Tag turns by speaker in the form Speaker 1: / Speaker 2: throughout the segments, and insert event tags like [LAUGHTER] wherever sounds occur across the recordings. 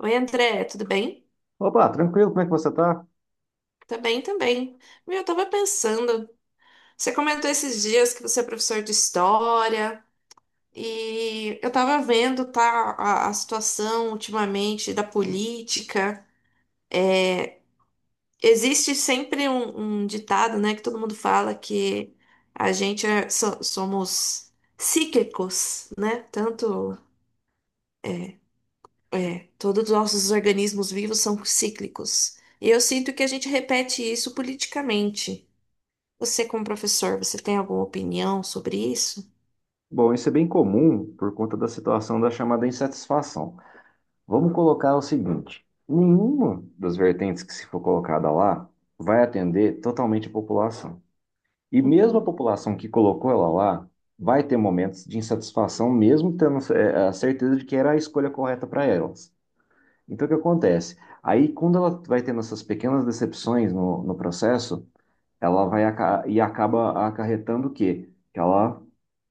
Speaker 1: Oi, André, tudo bem?
Speaker 2: Opa, tranquilo, como é que você tá?
Speaker 1: Tá bem também. Meu, eu tava pensando, você comentou esses dias que você é professor de história e eu tava vendo, tá, a situação ultimamente da política. Existe sempre um ditado, né, que todo mundo fala que a gente é- so- somos cíclicos, né? Tanto, todos os nossos organismos vivos são cíclicos. E eu sinto que a gente repete isso politicamente. Você, como professor, você tem alguma opinião sobre isso?
Speaker 2: Bom, isso é bem comum por conta da situação da chamada insatisfação. Vamos colocar o seguinte: nenhuma das vertentes que se for colocada lá vai atender totalmente a população. E mesmo a
Speaker 1: Uhum.
Speaker 2: população que colocou ela lá vai ter momentos de insatisfação, mesmo tendo a certeza de que era a escolha correta para elas. Então, o que acontece? Aí, quando ela vai tendo essas pequenas decepções no processo, ela vai acaba acarretando o quê? Que ela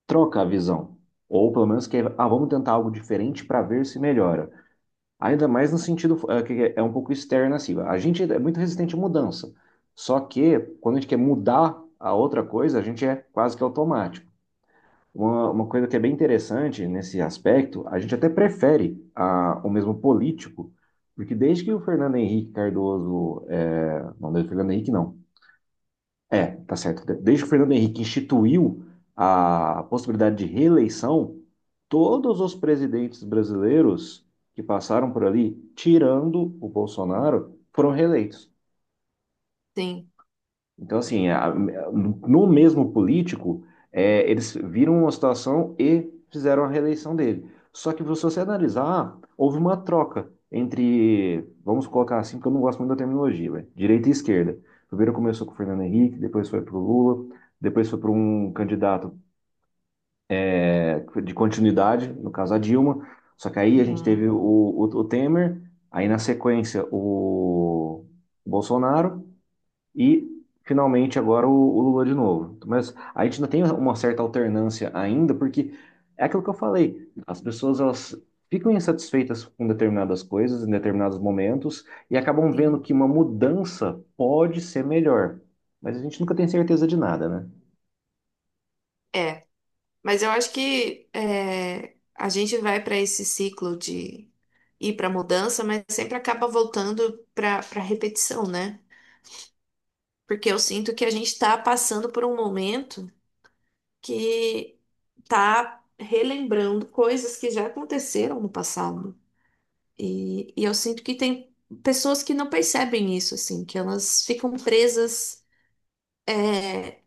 Speaker 2: troca a visão. Ou pelo menos que, vamos tentar algo diferente para ver se melhora. Ainda mais no sentido que é um pouco externo, assim. A gente é muito resistente à mudança. Só que quando a gente quer mudar a outra coisa, a gente é quase que automático. Uma coisa que é bem interessante nesse aspecto, a gente até prefere o mesmo político, porque desde que o Fernando Henrique Cardoso, eh, não, desde o Fernando Henrique não, tá certo. Desde que o Fernando Henrique instituiu a possibilidade de reeleição, todos os presidentes brasileiros que passaram por ali, tirando o Bolsonaro, foram reeleitos.
Speaker 1: Sim.
Speaker 2: Então, assim, no mesmo político, eles viram uma situação e fizeram a reeleição dele. Só que, se você analisar, houve uma troca entre, vamos colocar assim, porque eu não gosto muito da terminologia, né? Direita e esquerda. Primeiro começou com o Fernando Henrique, depois foi para o Lula, depois foi para um candidato de continuidade, no caso a Dilma. Só que aí a gente teve
Speaker 1: Uhum.
Speaker 2: o Temer, aí na sequência o Bolsonaro. E finalmente agora o Lula de novo. Mas a gente ainda tem uma certa alternância ainda, porque é aquilo que eu falei, as pessoas elas ficam insatisfeitas com determinadas coisas em determinados momentos e acabam vendo
Speaker 1: Sim.
Speaker 2: que uma mudança pode ser melhor. Mas a gente nunca tem certeza de nada, né?
Speaker 1: É, mas eu acho que a gente vai para esse ciclo de ir para mudança, mas sempre acaba voltando para repetição, né? Porque eu sinto que a gente está passando por um momento que tá relembrando coisas que já aconteceram no passado. E eu sinto que tem pessoas que não percebem isso, assim, que elas ficam presas, é,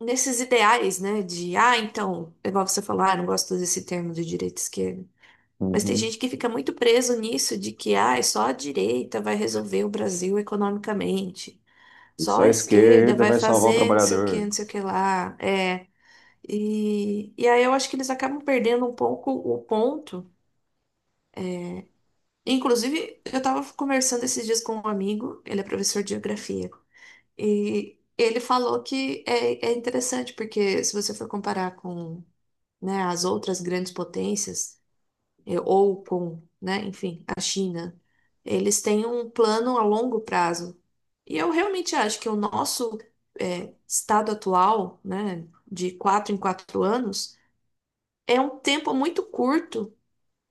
Speaker 1: nesses ideais, né? De, ah, então, é igual você falou, ah, eu não gosto desse termo de direita e esquerda. Mas tem
Speaker 2: Uhum.
Speaker 1: gente que fica muito preso nisso, de que, ah, é só a direita vai resolver o Brasil economicamente.
Speaker 2: E
Speaker 1: Só
Speaker 2: só a
Speaker 1: a esquerda
Speaker 2: esquerda
Speaker 1: vai
Speaker 2: vai salvar o
Speaker 1: fazer não sei o que,
Speaker 2: trabalhador.
Speaker 1: não sei o que lá. É, e aí eu acho que eles acabam perdendo um pouco o ponto. Inclusive, eu estava conversando esses dias com um amigo, ele é professor de geografia, e ele falou que é interessante, porque se você for comparar com, né, as outras grandes potências, ou com, né, enfim, a China, eles têm um plano a longo prazo. E eu realmente acho que o nosso, estado atual, né, de quatro em quatro anos, é um tempo muito curto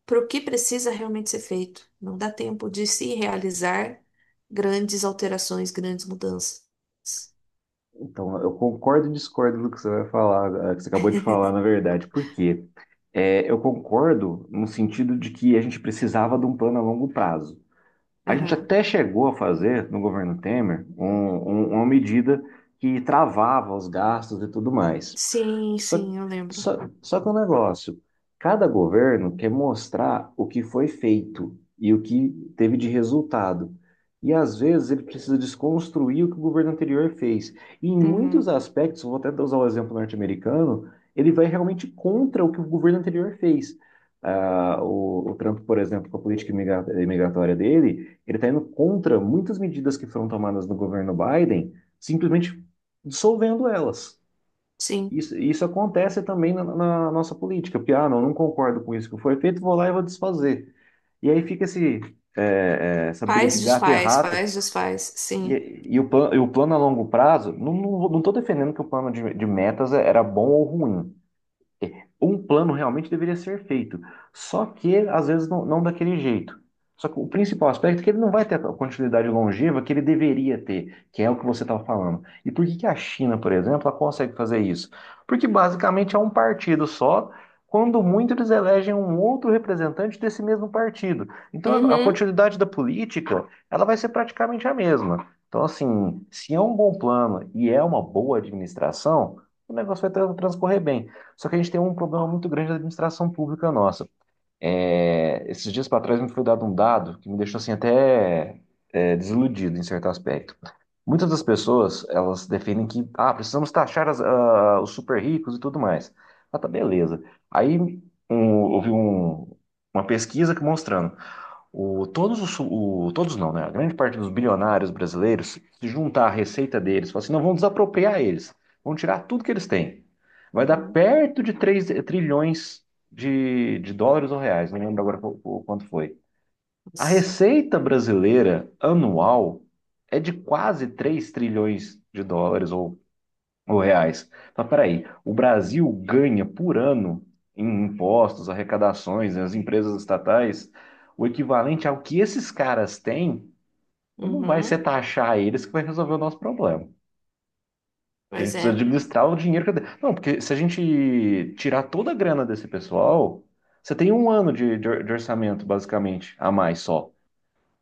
Speaker 1: para o que precisa realmente ser feito. Não dá tempo de se realizar grandes alterações, grandes mudanças.
Speaker 2: Então, eu concordo e discordo do que você vai falar, que você acabou de falar, na verdade, porque eu concordo no sentido de que a gente precisava de um plano a longo prazo. A gente
Speaker 1: Aham.
Speaker 2: até chegou a fazer, no governo Temer, uma medida que travava os gastos e tudo mais.
Speaker 1: Sim,
Speaker 2: Só,
Speaker 1: sim, eu lembro.
Speaker 2: só que o negócio, cada governo quer mostrar o que foi feito e o que teve de resultado. E às vezes ele precisa desconstruir o que o governo anterior fez. E em muitos
Speaker 1: Uhum.
Speaker 2: aspectos, vou até usar o exemplo norte-americano, ele vai realmente contra o que o governo anterior fez. Ah, o Trump, por exemplo, com a política imigratória dele, ele está indo contra muitas medidas que foram tomadas no governo Biden, simplesmente dissolvendo elas.
Speaker 1: Sim.
Speaker 2: Isso acontece também na nossa política, porque, ah, não concordo com isso que foi feito, vou lá e vou desfazer. E aí fica esse, essa briga de
Speaker 1: Faz,
Speaker 2: gato e
Speaker 1: desfaz,
Speaker 2: rato,
Speaker 1: faz, desfaz.
Speaker 2: e,
Speaker 1: Sim.
Speaker 2: e e o plano a longo prazo, não estou defendendo que o plano de metas era bom ou ruim, um plano realmente deveria ser feito. Só que, às vezes, não, não daquele jeito. Só que o principal aspecto é que ele não vai ter a continuidade longeva que ele deveria ter, que é o que você estava falando. E por que que a China, por exemplo, ela consegue fazer isso? Porque basicamente é um partido só, quando muito eles elegem um outro representante desse mesmo partido. Então a
Speaker 1: Uhum.
Speaker 2: continuidade da política, ela vai ser praticamente a mesma. Então, assim, se é um bom plano e é uma boa administração, o negócio vai transcorrer bem. Só que a gente tem um problema muito grande da administração pública nossa. É, esses dias para trás me foi dado um dado que me deixou assim até desiludido em certo aspecto. Muitas das pessoas, elas defendem que, ah, precisamos taxar os super ricos e tudo mais. Ah, tá, beleza. Aí houve uma pesquisa que mostrando o, todos os, o- todos não, né? A grande parte dos bilionários brasileiros, se juntar a receita deles, falar assim, não, vão desapropriar eles, vão tirar tudo que eles têm. Vai dar
Speaker 1: Uhum.
Speaker 2: perto de 3 trilhões de dólares ou reais, não lembro agora o quanto foi. A
Speaker 1: Mas-
Speaker 2: receita brasileira anual é de quase 3 trilhões de dólares ou reais. Mas peraí, o Brasil ganha por ano em impostos, arrecadações, né, as empresas estatais, o equivalente ao que esses caras têm, não vai ser
Speaker 1: Uhum.
Speaker 2: taxar eles que vai resolver o nosso problema. A gente
Speaker 1: Pois
Speaker 2: precisa
Speaker 1: é.
Speaker 2: administrar o dinheiro. Não, porque se a gente tirar toda a grana desse pessoal, você tem um ano de orçamento, basicamente, a mais só.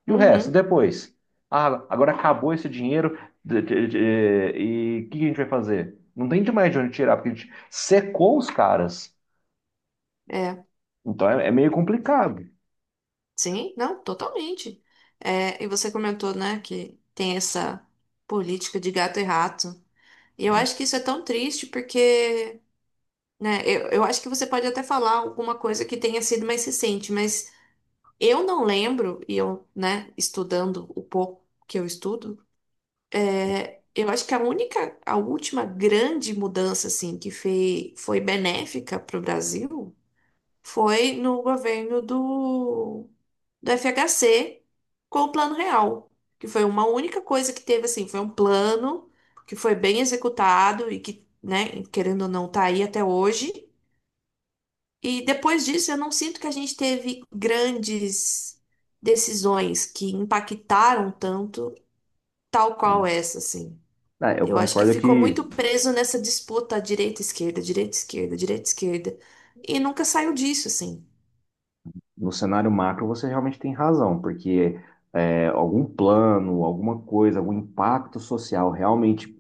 Speaker 2: E o resto,
Speaker 1: Uhum.
Speaker 2: depois? Ah, agora acabou esse dinheiro de- de- de- e o que a gente vai fazer? Não tem demais de onde tirar, porque a gente secou os caras.
Speaker 1: É.
Speaker 2: Então é, é meio complicado.
Speaker 1: Sim, não, totalmente. É, e você comentou, né, que tem essa política de gato e rato. E eu acho que isso é tão triste porque, né? Eu acho que você pode até falar alguma coisa que tenha sido mais recente, mas eu não lembro, e eu, né, estudando o pouco que eu estudo, eu acho que a única, a última grande mudança, assim, que foi, foi benéfica para o Brasil foi no governo do FHC com o Plano Real, que foi uma única coisa que teve, assim, foi um plano que foi bem executado e que, né, querendo ou não, tá aí até hoje. E depois disso, eu não sinto que a gente teve grandes decisões que impactaram tanto, tal qual
Speaker 2: Né?
Speaker 1: essa, assim.
Speaker 2: Ah, eu
Speaker 1: Eu acho que
Speaker 2: concordo
Speaker 1: ficou
Speaker 2: que
Speaker 1: muito preso nessa disputa direita-esquerda, direita-esquerda, direita-esquerda. E nunca saiu disso, assim.
Speaker 2: no cenário macro você realmente tem razão, porque algum plano, alguma coisa, algum impacto social realmente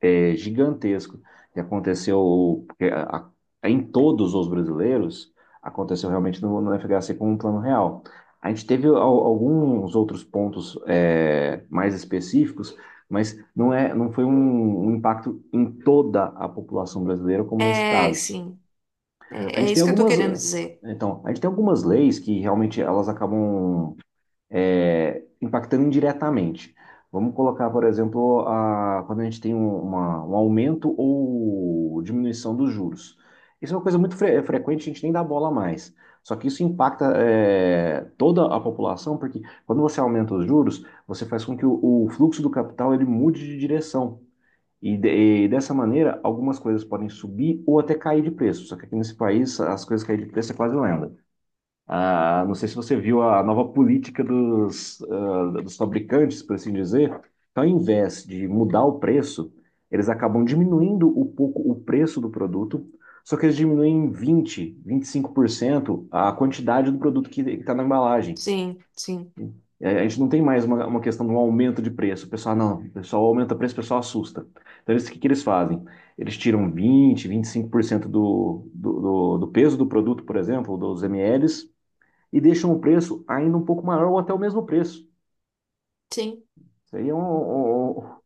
Speaker 2: é gigantesco que aconteceu porque em todos os brasileiros, aconteceu realmente no FHC com um plano real. A gente teve alguns outros pontos mais específicos, mas não foi um impacto em toda a população brasileira, como nesse
Speaker 1: É,
Speaker 2: caso.
Speaker 1: sim.
Speaker 2: A
Speaker 1: É,
Speaker 2: gente
Speaker 1: é
Speaker 2: tem
Speaker 1: isso que eu tô
Speaker 2: algumas,
Speaker 1: querendo dizer.
Speaker 2: então, a gente tem algumas leis que realmente elas acabam impactando indiretamente. Vamos colocar, por exemplo, quando a gente tem um aumento ou diminuição dos juros. Isso é uma coisa muito é frequente, a gente nem dá bola mais. Só que isso impacta, é, toda a população, porque quando você aumenta os juros, você faz com que o fluxo do capital ele mude de direção. E, e dessa maneira, algumas coisas podem subir ou até cair de preço. Só que aqui nesse país, as coisas caírem de preço é quase lenda. Ah, não sei se você viu a nova política dos, ah, dos fabricantes, por assim dizer. Então, ao invés de mudar o preço, eles acabam diminuindo um pouco o preço do produto, só que eles diminuem em vinte, vinte e cinco por cento a quantidade do produto que está na embalagem.
Speaker 1: Sim, sim,
Speaker 2: E a gente não tem mais uma questão de um aumento de preço. O pessoal, não, o pessoal aumenta o preço, o pessoal assusta. Então, eles, o que, que eles fazem? Eles tiram 20, 25% do peso do produto, por exemplo, dos mls, e deixam o preço ainda um pouco maior ou até o mesmo preço.
Speaker 1: sim.
Speaker 2: Isso aí é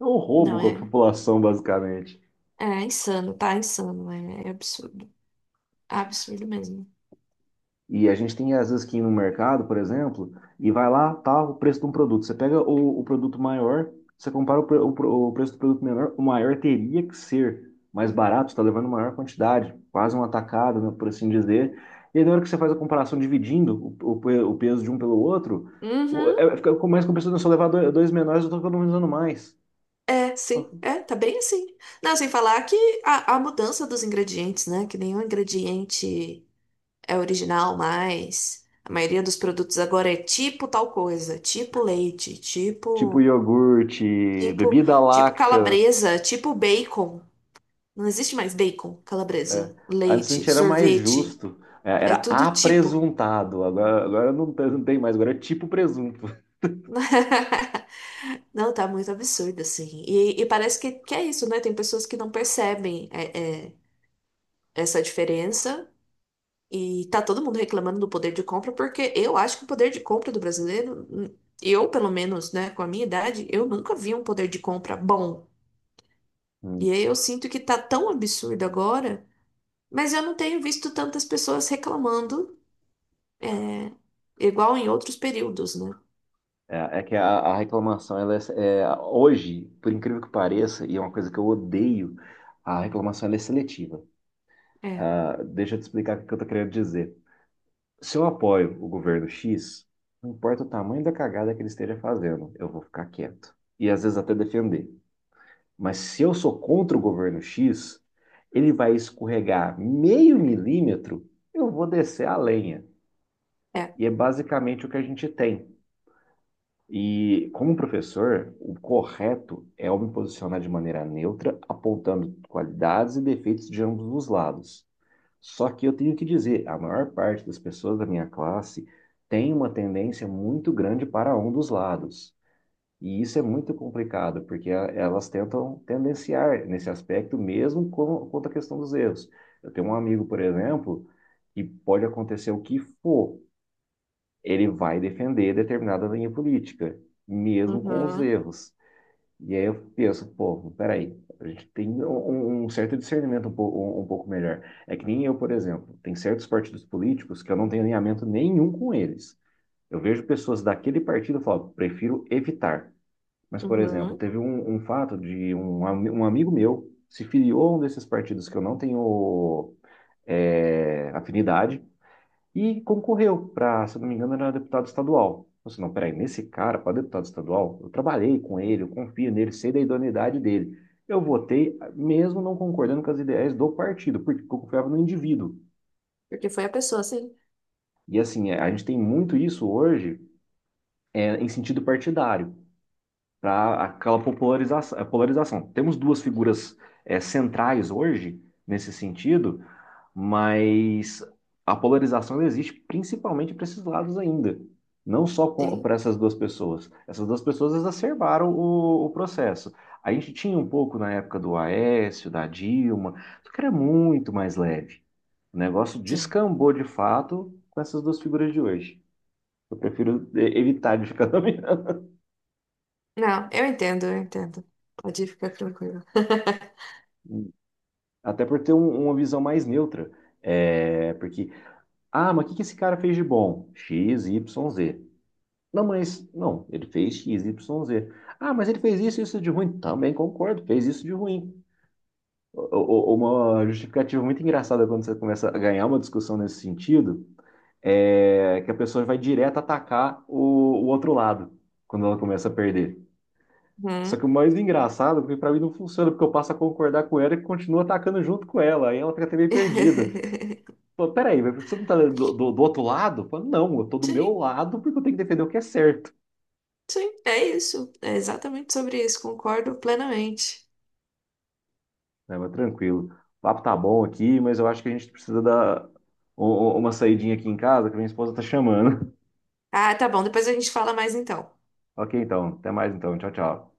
Speaker 2: um roubo
Speaker 1: Não,
Speaker 2: com a
Speaker 1: é,
Speaker 2: população, basicamente.
Speaker 1: é insano, tá insano. É, é absurdo, absurdo mesmo.
Speaker 2: E a gente tem, às vezes, que ir no mercado, por exemplo, e vai lá, tá o preço de um produto. Você pega o produto maior, você compara preço do produto menor, o maior teria que ser mais barato, está levando maior quantidade, quase um atacado, né, por assim dizer. E aí, na hora que você faz a comparação dividindo o peso de um pelo outro,
Speaker 1: Uhum.
Speaker 2: começa com a pessoa, se eu levar dois menores, eu estou economizando mais.
Speaker 1: É, sim, é, tá bem assim. Não, sem falar que a mudança dos ingredientes, né? Que nenhum ingrediente é original mais. A maioria dos produtos agora é tipo tal coisa, tipo leite,
Speaker 2: Tipo
Speaker 1: tipo,
Speaker 2: iogurte,
Speaker 1: tipo,
Speaker 2: bebida
Speaker 1: tipo
Speaker 2: láctea.
Speaker 1: calabresa, tipo bacon. Não existe mais bacon,
Speaker 2: É.
Speaker 1: calabresa,
Speaker 2: Antes a
Speaker 1: leite,
Speaker 2: gente era mais
Speaker 1: sorvete,
Speaker 2: justo. É,
Speaker 1: é
Speaker 2: era
Speaker 1: tudo tipo.
Speaker 2: apresuntado. Agora, não tem mais, agora é tipo presunto.
Speaker 1: [LAUGHS] Não, tá muito absurdo, assim. E parece que é isso, né? Tem pessoas que não percebem essa diferença. E tá todo mundo reclamando do poder de compra, porque eu acho que o poder de compra do brasileiro, eu pelo menos, né, com a minha idade, eu nunca vi um poder de compra bom.
Speaker 2: Hum.
Speaker 1: E aí eu sinto que tá tão absurdo agora, mas eu não tenho visto tantas pessoas reclamando, igual em outros períodos, né?
Speaker 2: É, é que a reclamação, ela é, é, hoje, por incrível que pareça, e é uma coisa que eu odeio, a reclamação ela é seletiva.
Speaker 1: É,
Speaker 2: Ah, deixa eu te explicar o que eu tô querendo dizer. Se eu apoio o governo X, não importa o tamanho da cagada que ele esteja fazendo, eu vou ficar quieto. E às vezes até defender. Mas se eu sou contra o governo X, ele vai escorregar meio milímetro, eu vou descer a lenha.
Speaker 1: é.
Speaker 2: E é basicamente o que a gente tem. E como professor, o correto é eu me posicionar de maneira neutra, apontando qualidades e defeitos de ambos os lados. Só que eu tenho que dizer, a maior parte das pessoas da minha classe tem uma tendência muito grande para um dos lados. E isso é muito complicado, porque elas tentam tendenciar nesse aspecto, mesmo com, quanto à questão dos erros. Eu tenho um amigo, por exemplo, que pode acontecer o que for, ele vai defender determinada linha política, mesmo com os
Speaker 1: Uhum,
Speaker 2: erros. E aí eu penso, pô, peraí, a gente tem um certo discernimento um pouco melhor. É que nem eu, por exemplo, tem certos partidos políticos que eu não tenho alinhamento nenhum com eles. Eu vejo pessoas daquele partido e falo, prefiro evitar. Mas, por exemplo,
Speaker 1: uhum.
Speaker 2: teve um fato de um amigo meu se filiou a um desses partidos que eu não tenho afinidade e concorreu para, se eu não me engano, era deputado estadual. Eu disse, não, peraí, nesse cara, para deputado estadual, eu trabalhei com ele, eu confio nele, sei da idoneidade dele. Eu votei, mesmo não concordando com as ideias do partido, porque eu confiava no indivíduo.
Speaker 1: Porque foi a pessoa, sim.
Speaker 2: E assim, é, a gente tem muito isso hoje em sentido partidário. Para aquela polarização. Temos duas figuras centrais hoje nesse sentido, mas a polarização existe principalmente para esses lados ainda, não só
Speaker 1: Sim,
Speaker 2: para essas duas pessoas. Essas duas pessoas exacerbaram o processo. A gente tinha um pouco na época do Aécio, da Dilma, só que era muito mais leve. O negócio
Speaker 1: sim.
Speaker 2: descambou de fato com essas duas figuras de hoje. Eu prefiro evitar de ficar [LAUGHS] nomeando.
Speaker 1: Não, eu entendo, eu entendo. Pode ficar tranquilo.
Speaker 2: Até por ter uma visão mais neutra. É, porque, ah, mas o que que esse cara fez de bom? X, Y, Z. Não, mas, não, ele fez X, Y, Z. Ah, mas ele fez isso, isso de ruim. Também concordo, fez isso de ruim. Uma justificativa muito engraçada quando você começa a ganhar uma discussão nesse sentido é que a pessoa vai direto atacar o outro lado quando ela começa a perder. Só
Speaker 1: Uhum.
Speaker 2: que o mais engraçado, porque pra mim não funciona, porque eu passo a concordar com ela e continuo atacando junto com ela. Aí ela fica até meio perdida.
Speaker 1: [LAUGHS]
Speaker 2: Pô, peraí, mas você não tá do outro lado? Pô, não, eu tô do meu
Speaker 1: Sim.
Speaker 2: lado porque eu tenho que defender o que é certo.
Speaker 1: Sim, é isso. É exatamente sobre isso, concordo plenamente.
Speaker 2: Né, mas tranquilo. O papo tá bom aqui, mas eu acho que a gente precisa dar uma saidinha aqui em casa, que minha esposa tá chamando. [LAUGHS]
Speaker 1: Ah, tá bom, depois a gente fala mais então.
Speaker 2: Ok, então. Até mais então. Tchau, tchau.